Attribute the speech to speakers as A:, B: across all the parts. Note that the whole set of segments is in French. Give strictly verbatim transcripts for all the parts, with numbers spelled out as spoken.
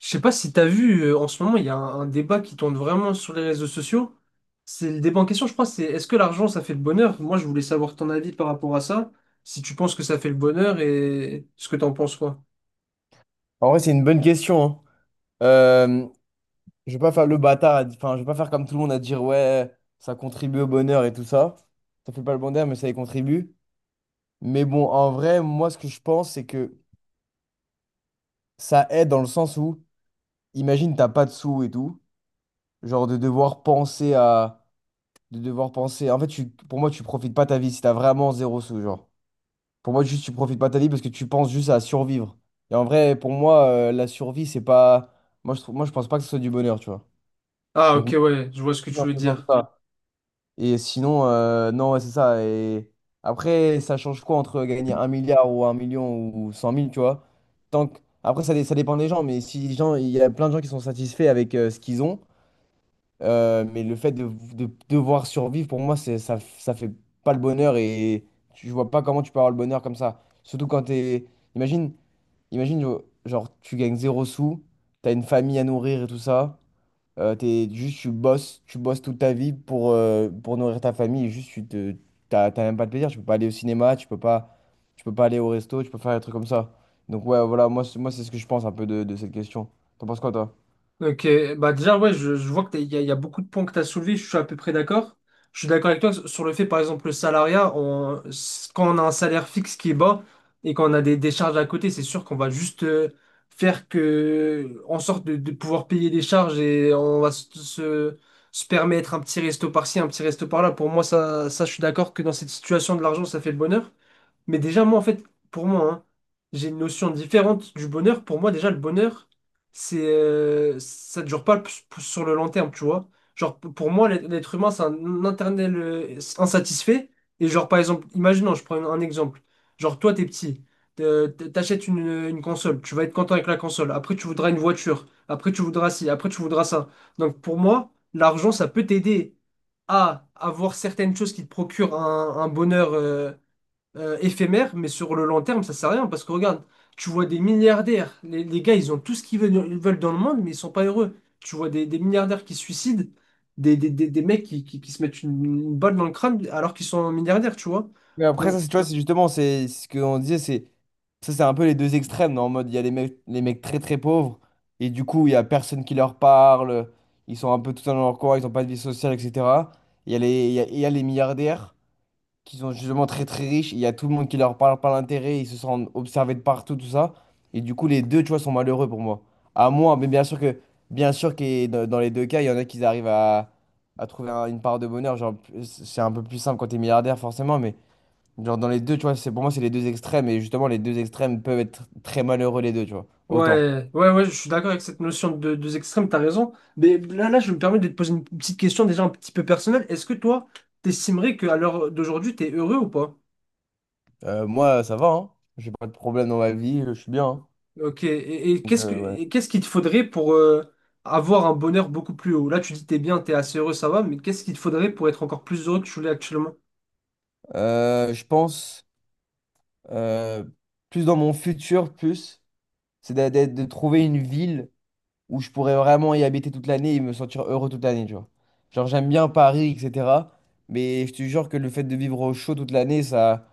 A: Je sais pas si t'as vu, euh, en ce moment, il y a un, un débat qui tourne vraiment sur les réseaux sociaux. C'est le débat en question, je crois, c'est est-ce que l'argent, ça fait le bonheur? Moi, je voulais savoir ton avis par rapport à ça. Si tu penses que ça fait le bonheur et ce que t'en penses, quoi.
B: En vrai, c'est une bonne question, hein. Euh, je vais pas faire le bâtard, à di- enfin, je vais pas faire comme tout le monde à dire ouais, ça contribue au bonheur et tout ça. Ça fait pas le bonheur, mais ça y contribue. Mais bon, en vrai, moi, ce que je pense, c'est que ça aide dans le sens où, imagine, t'as pas de sous et tout, genre de devoir penser à, de devoir penser. En fait, tu, pour moi, tu profites pas ta vie si t'as vraiment zéro sous, genre. Pour moi, juste, tu profites pas ta vie parce que tu penses juste à survivre. Et en vrai, pour moi, euh, la survie, c'est pas, moi, je trouve, moi, je pense pas que ce soit du bonheur, tu vois.
A: Ah, ok,
B: Donc
A: ouais, je vois ce que tu
B: dans
A: veux
B: ce
A: dire.
B: sens-là. Et sinon, euh, non, ouais, c'est ça. Et après, ça change quoi entre gagner un milliard ou un million ou cent mille, tu vois? Tant que- Après, ça, dé- ça dépend des gens, mais si les gens, il y a plein de gens qui sont satisfaits avec euh, ce qu'ils ont, euh, mais le fait de, de devoir survivre, pour moi, c'est, ça, ça fait pas le bonheur et tu- je vois pas comment tu peux avoir le bonheur comme ça. Surtout quand t'es. Imagine, imagine, genre, tu gagnes zéro sous, t'as une famille à nourrir et tout ça. Euh, t'es, juste, tu bosses, tu bosses toute ta vie pour, euh, pour nourrir ta famille. Et juste, tu te, t'as, t'as même pas de plaisir. Tu peux pas aller au cinéma, tu peux pas, tu peux pas aller au resto, tu peux faire des trucs comme ça. Donc, ouais, voilà, moi, c'est- moi c'est ce que je pense un peu de, de cette question. T'en penses quoi, toi?
A: Ok, bah déjà, ouais, je, je vois qu'il y a, il y a beaucoup de points que tu as soulevés, je suis à peu près d'accord. Je suis d'accord avec toi sur le fait, par exemple, le salariat, on- s- quand on a un salaire fixe qui est bas et qu'on a des, des charges à côté, c'est sûr qu'on va juste euh, faire que, en sorte de, de pouvoir payer des charges et on va se, se, se permettre un petit resto par-ci, un petit resto par-là. Pour moi, ça, ça, je suis d'accord que dans cette situation de l'argent, ça fait le bonheur. Mais déjà, moi, en fait, pour moi, hein, j'ai une notion différente du bonheur. Pour moi, déjà, le bonheur, c'est, euh, ça ne dure pas p- p- sur le long terme, tu vois. Genre, p- pour moi, l'être l'être humain, c'est un internel euh, insatisfait. Et genre, par exemple, imaginons, je prends un, un exemple. Genre, toi, t'es petit, te- te- t'achètes une, une console, tu vas être content avec la console. Après, tu voudras une voiture. Après, tu voudras ci. Après, tu voudras ça. Donc, pour moi, l'argent, ça peut t'aider à avoir certaines choses qui te procurent un, un bonheur. euh, euh, éphémère, mais sur le long terme, ça sert à rien parce que regarde, tu vois des milliardaires, les, les gars, ils ont tout ce qu'ils veulent, ils veulent dans le monde, mais ils sont pas heureux. Tu vois des, des milliardaires qui se suicident, des, des, des, des mecs qui, qui, qui se mettent une, une balle dans le crâne alors qu'ils sont milliardaires, tu vois.
B: Mais après,
A: Donc,
B: ça, c'est, tu vois, c'est justement, c'est c'est ce qu'on disait, c'est ça, c'est un peu les deux extrêmes. Non, en mode, il y a les mecs, les mecs très très pauvres, et du coup, il y a personne qui leur parle, ils sont un peu tout seuls dans leur coin, ils ont pas de vie sociale, et cætera. Il y a les, il y a il y a les milliardaires qui sont justement très très riches, il y a tout le monde qui leur parle par l'intérêt, ils se sentent observés de partout, tout ça. Et du coup, les deux, tu vois, sont malheureux pour moi. À moi, mais bien sûr que, bien sûr que dans dans les deux cas, il y en a qui arrivent à, à trouver un- une part de bonheur. Genre, c'est un peu plus simple quand t'es milliardaire, forcément, mais genre dans les deux, tu vois, c'est pour moi, c'est les deux extrêmes. Et justement, les deux extrêmes peuvent être très malheureux, les deux, tu vois. Autant.
A: ouais, ouais, ouais, je suis d'accord avec cette notion de deux extrêmes, t'as raison. Mais là, là, je me permets de te poser une petite question déjà un petit peu personnelle. Est-ce que toi, t'estimerais qu'à l'heure d'aujourd'hui, t'es heureux ou pas?
B: Euh, moi, ça va, hein. J'ai pas de problème dans ma vie, je suis bien, hein.
A: Ok, et, et
B: Donc,
A: qu'est-ce que,
B: euh, ouais.
A: et qu'est-ce qu'il te faudrait pour euh, avoir un bonheur beaucoup plus haut? Là, tu dis t'es bien, t'es assez heureux, ça va, mais qu'est-ce qu'il te faudrait pour être encore plus heureux que tu l'es actuellement?
B: Euh, je pense euh, plus dans mon futur, plus. C'est d'a- d'a- de, trouver une ville où je pourrais vraiment y habiter toute l'année et me sentir heureux toute l'année, tu vois. Genre, j'aime bien Paris, et cætera. Mais je te jure que le fait de vivre au chaud toute l'année, ça,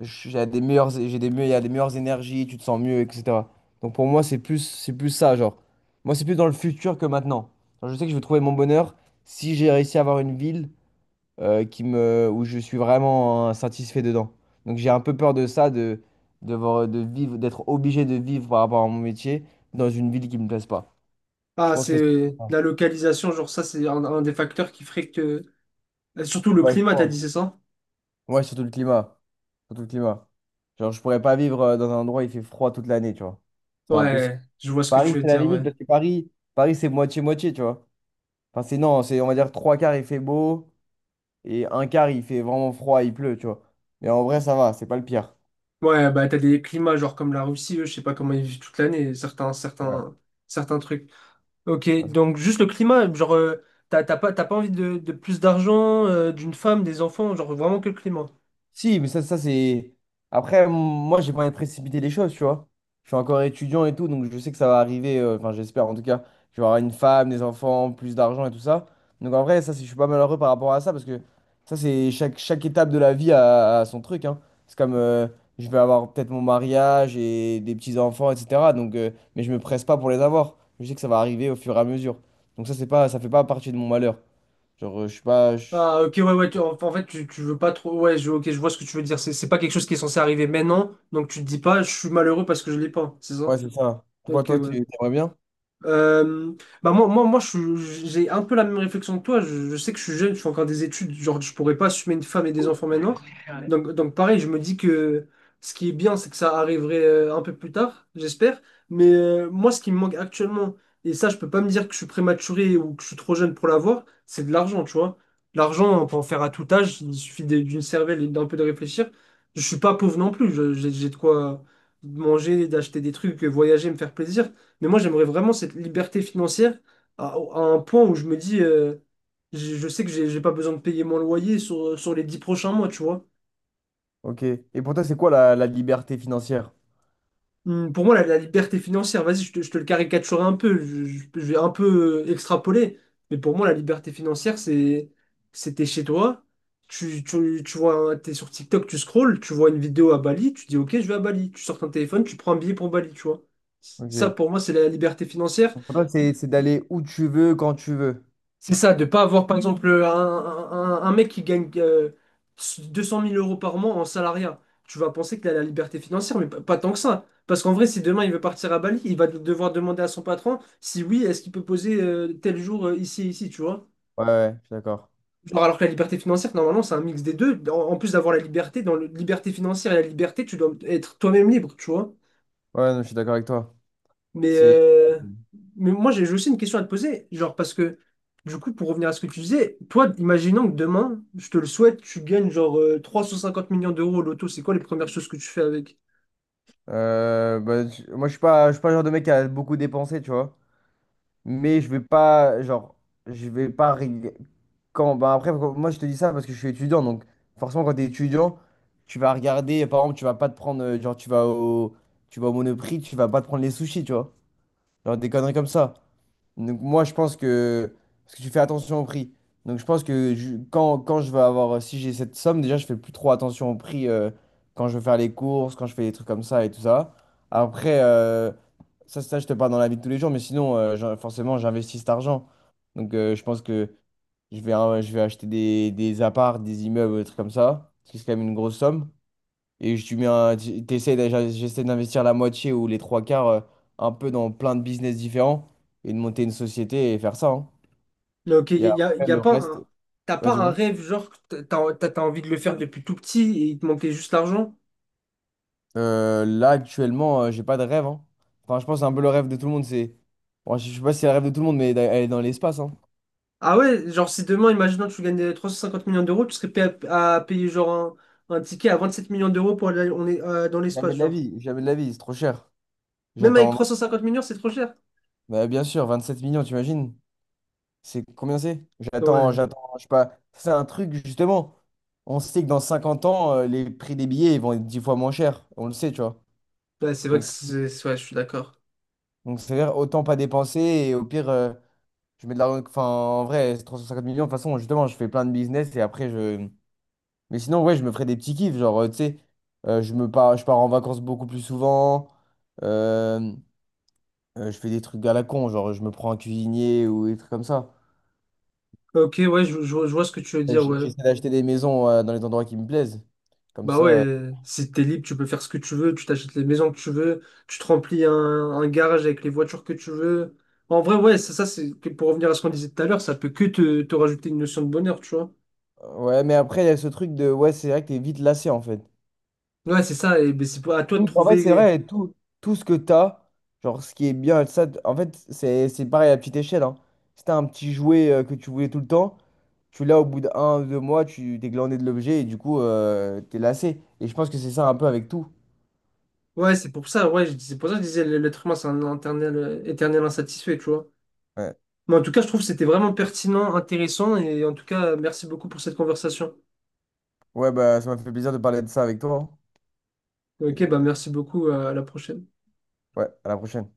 B: j'ai des meilleures, j'ai des, me- il y a des meilleures énergies, tu te sens mieux, et cætera. Donc pour moi, c'est plus, c'est plus ça, genre. Moi, c'est plus dans le futur que maintenant. Genre, je sais que je vais trouver mon bonheur si j'ai réussi à avoir une ville euh, qui me, où je suis vraiment euh, satisfait dedans. Donc j'ai un peu peur de ça, de, de, voir- de vivre, d'être obligé de vivre par rapport à mon métier dans une ville qui me plaise pas. Je
A: Ah,
B: pense que c'est
A: c'est
B: ça.
A: la localisation, genre ça, c'est un, un des facteurs qui ferait que. Euh, Surtout le
B: Ouais, je
A: climat, t'as dit,
B: pense.
A: c'est ça?
B: Ouais, surtout le climat. Surtout le climat. Genre, je pourrais pas vivre euh, dans un endroit où il fait froid toute l'année, tu vois. C'est impossible.
A: Ouais, je vois ce que
B: Paris,
A: tu veux
B: c'est la
A: dire,
B: limite,
A: ouais.
B: parce que Paris, Paris, c'est moitié-moitié, tu vois. Enfin, c'est non, c'est, on va dire, trois quarts, il fait beau, et un quart, il fait vraiment froid, il pleut, tu vois. Mais en vrai, ça va, c'est pas le pire.
A: Ouais, bah t'as des climats, genre comme la Russie, eux, je sais pas comment ils vivent toute l'année, certains,
B: Ouais.
A: certains, certains trucs. Ok,
B: Ouais,
A: donc juste le climat, genre, euh, t'as t'as pas, t'as pas envie de, de plus d'argent, euh, d'une femme, des enfants, genre vraiment que le climat.
B: si, mais ça, ça c'est. Après, m- moi, j'ai pas envie de précipiter les choses, tu vois. Je suis encore étudiant et tout, donc je sais que ça va arriver. euh, Enfin, j'espère en tout cas. Je vais avoir une femme, des enfants, plus d'argent et tout ça. Donc en vrai, ça, c'est- je suis pas malheureux par rapport à ça parce que ça, c'est chaque, chaque étape de la vie a, a son truc, hein. C'est comme euh, je vais avoir peut-être mon mariage et des petits-enfants, et cætera. Donc, euh, mais je me presse pas pour les avoir. Je sais que ça va arriver au fur et à mesure. Donc ça, c'est pas, ça fait pas partie de mon malheur. Genre, euh, je suis pas. Je-
A: Ah, ok, ouais, ouais, tu- en en fait, tu, tu veux pas trop. Ouais, je, ok, je vois ce que tu veux dire. C'est c'est pas quelque chose qui est censé arriver maintenant, donc tu te dis pas, je suis malheureux parce que je l'ai pas, c'est ça?
B: Ouais, c'est ça. Pourquoi
A: Ok,
B: toi, tu
A: ouais.
B: aimerais bien?
A: Euh, Bah moi, moi, moi je suis- j'ai un peu la même réflexion que toi. Je, je sais que je suis jeune, je fais encore des études. Genre, je pourrais pas assumer une femme et des enfants maintenant. Donc, donc pareil, je me dis que ce qui est bien, c'est que ça arriverait euh, un peu plus tard, j'espère. Mais euh, moi, ce qui me manque actuellement, et ça, je peux pas me dire que je suis prématuré ou que je suis trop jeune pour l'avoir, c'est de l'argent, tu vois. L'argent, on peut en faire à tout âge. Il suffit de- d'une cervelle et d'un peu de réfléchir. Je suis pas pauvre non plus. Je- J'ai j'ai de quoi manger, d'acheter des trucs, voyager, me faire plaisir. Mais moi, j'aimerais vraiment cette liberté financière à, à un point où je me dis, euh, je, je sais que j'ai j'ai pas besoin de payer mon loyer sur, sur les dix prochains mois, tu vois.
B: Ok. Et pour toi, c'est quoi la, la liberté financière?
A: Hum, Pour moi, la, la liberté financière, vas-y, je te, je te le caricaturerai un peu, je, je- je vais un peu euh, extrapoler, mais pour moi, la liberté financière, c'est c'est t'es chez toi, tu, tu, tu vois, un- t'es sur TikTok, tu scrolles, tu vois une vidéo à Bali, tu dis, ok, je vais à Bali, tu sors ton téléphone, tu prends un billet pour Bali, tu vois. Ça,
B: Ok.
A: pour moi, c'est la liberté financière.
B: Donc, pour toi, c'est c'est d'aller où tu veux, quand tu veux.
A: C'est ça, de pas avoir par exemple un, un- un mec qui gagne euh, 200 000 euros par mois en salariat. Tu vas penser qu'il a la liberté financière, mais pas, pas tant que ça. Parce qu'en vrai, si demain il veut partir à Bali, il va devoir demander à son patron si oui, est-ce qu'il peut poser euh, tel jour euh, ici, ici, tu vois.
B: Ouais, ouais, je suis d'accord.
A: Genre, alors que la liberté financière, normalement, c'est un mix des deux. En, en plus d'avoir la liberté, dans la liberté financière et la liberté, tu dois être toi-même libre, tu vois.
B: Ouais, non, je suis d'accord avec toi.
A: Mais,
B: C'est.
A: euh, mais moi, j'ai j'ai aussi une question à te poser. Genre, parce que, du coup, pour revenir à ce que tu disais, toi, imaginons que demain, je te le souhaite, tu gagnes genre euh, trois cent cinquante millions d'euros au loto, c'est quoi les premières choses que tu fais avec?
B: Euh, bah, je- moi, je suis pas, je suis pas le genre de mec qui a beaucoup dépensé, tu vois. Mais je vais pas, genre, je vais pas. rég- Quand, bah après, quand- moi, je te dis ça parce que je suis étudiant. Donc, forcément, quand tu es étudiant, tu vas regarder. Par exemple, tu vas pas te prendre. euh, Genre, tu vas au, tu vas au Monoprix, tu vas pas te prendre les sushis, tu vois. Genre, des conneries comme ça. Donc moi, je pense que... Parce que tu fais attention au prix. Donc je pense que je- quand, quand je vais avoir... Si j'ai cette somme, déjà, je fais plus trop attention au prix euh, quand je veux faire les courses, quand je fais des trucs comme ça et tout ça. Après, euh, ça, ça, je te parle dans la vie de tous les jours, mais sinon, euh, j'en- forcément, j'investis cet argent. Donc euh, je pense que je vais, euh, je vais acheter des, des apparts, des immeubles, des trucs comme ça. Parce que c'est quand même une grosse somme. Et je mets un- t'essaies d'aj- j'essaie d'investir la moitié ou les trois quarts euh, un peu dans plein de business différents et de monter une société et faire ça, hein.
A: Là, ok, y
B: Et
A: a, y a-
B: après,
A: y a
B: le
A: pas
B: reste,
A: un- t'as
B: ouais,
A: pas
B: tu
A: un
B: vois.
A: rêve, genre, que t'as, t'as, t'as envie de le faire depuis tout petit et il te manquait juste l'argent?
B: Euh, là, actuellement, euh, j'ai pas de rêve, hein. Enfin, je pense un peu le rêve de tout le monde, c'est. Bon, je je sais pas si c'est le rêve de tout le monde, mais d'aller dans l'espace, hein.
A: Ah ouais, genre, si demain, imaginons que tu gagnes euh, trois cent cinquante millions d'euros, tu serais prêt à, à payer genre un, un ticket à vingt sept millions d'euros pour aller on est, euh, dans
B: Jamais
A: l'espace,
B: de la
A: genre.
B: vie, jamais de la vie, c'est trop cher.
A: Même avec
B: J'attends.
A: trois cent cinquante millions, c'est trop cher.
B: Bah, bien sûr, vingt sept millions, t'imagines? C'est combien c'est? J'attends,
A: Ouais.
B: j'attends, je sais pas. C'est un truc, justement. On sait que dans cinquante ans, euh, les prix des billets ils vont être dix fois moins chers. On le sait, tu vois.
A: Bah, c'est vrai que
B: Donc,
A: c'est... c'est- ouais, je suis d'accord.
B: donc c'est-à-dire, autant pas dépenser. Et au pire, euh, je mets de l'argent. Enfin, en vrai, c'est trois cent cinquante millions. De toute façon, justement, je fais plein de business et après, je. Mais sinon, ouais, je me ferais des petits kiffs. Genre, euh, tu sais, euh, je me pars, je pars en vacances beaucoup plus souvent. Euh, euh, je fais des trucs à la con. Genre, je me prends un cuisinier ou des trucs comme ça.
A: Ok, ouais, je, je vois je vois ce que tu veux
B: Euh,
A: dire,
B: j-
A: ouais.
B: J'essaie d'acheter des maisons, euh, dans les endroits qui me plaisent. Comme
A: Bah
B: ça.
A: ouais, si t'es libre, tu peux faire ce que tu veux, tu t'achètes les maisons que tu veux, tu te remplis un, un garage avec les voitures que tu veux. En vrai, ouais, ça, ça c'est que pour revenir à ce qu'on disait tout à l'heure, ça peut que te, te rajouter une notion de bonheur, tu vois.
B: Ouais, mais après, il y a ce truc de, ouais, c'est vrai que t'es vite lassé, en fait.
A: Ouais, c'est ça, et ben, c'est pour- à toi de
B: Tout, en fait, c'est
A: trouver.
B: vrai, tout, tout ce que t'as, genre, ce qui est bien, ça, t- en fait, c'est, c'est pareil à petite échelle, hein. Si t'as un petit jouet euh, que tu voulais tout le temps, tu l'as au bout d'un, ou deux mois, tu t'es glandé de l'objet et du coup, euh, t'es lassé. Et je pense que c'est ça un peu avec tout.
A: Ouais, c'est pour ça, ouais, je- c'est pour ça que je disais l'être humain, c'est un éternel, euh, éternel insatisfait, tu vois.
B: Ouais.
A: Mais en tout cas, je trouve que c'était vraiment pertinent, intéressant, et en tout cas, merci beaucoup pour cette conversation.
B: Ouais, bah, ça m'a fait plaisir de parler de ça avec toi, hein. Et,
A: Ok, bah
B: euh,
A: merci beaucoup, euh, à la prochaine.
B: ouais, à la prochaine.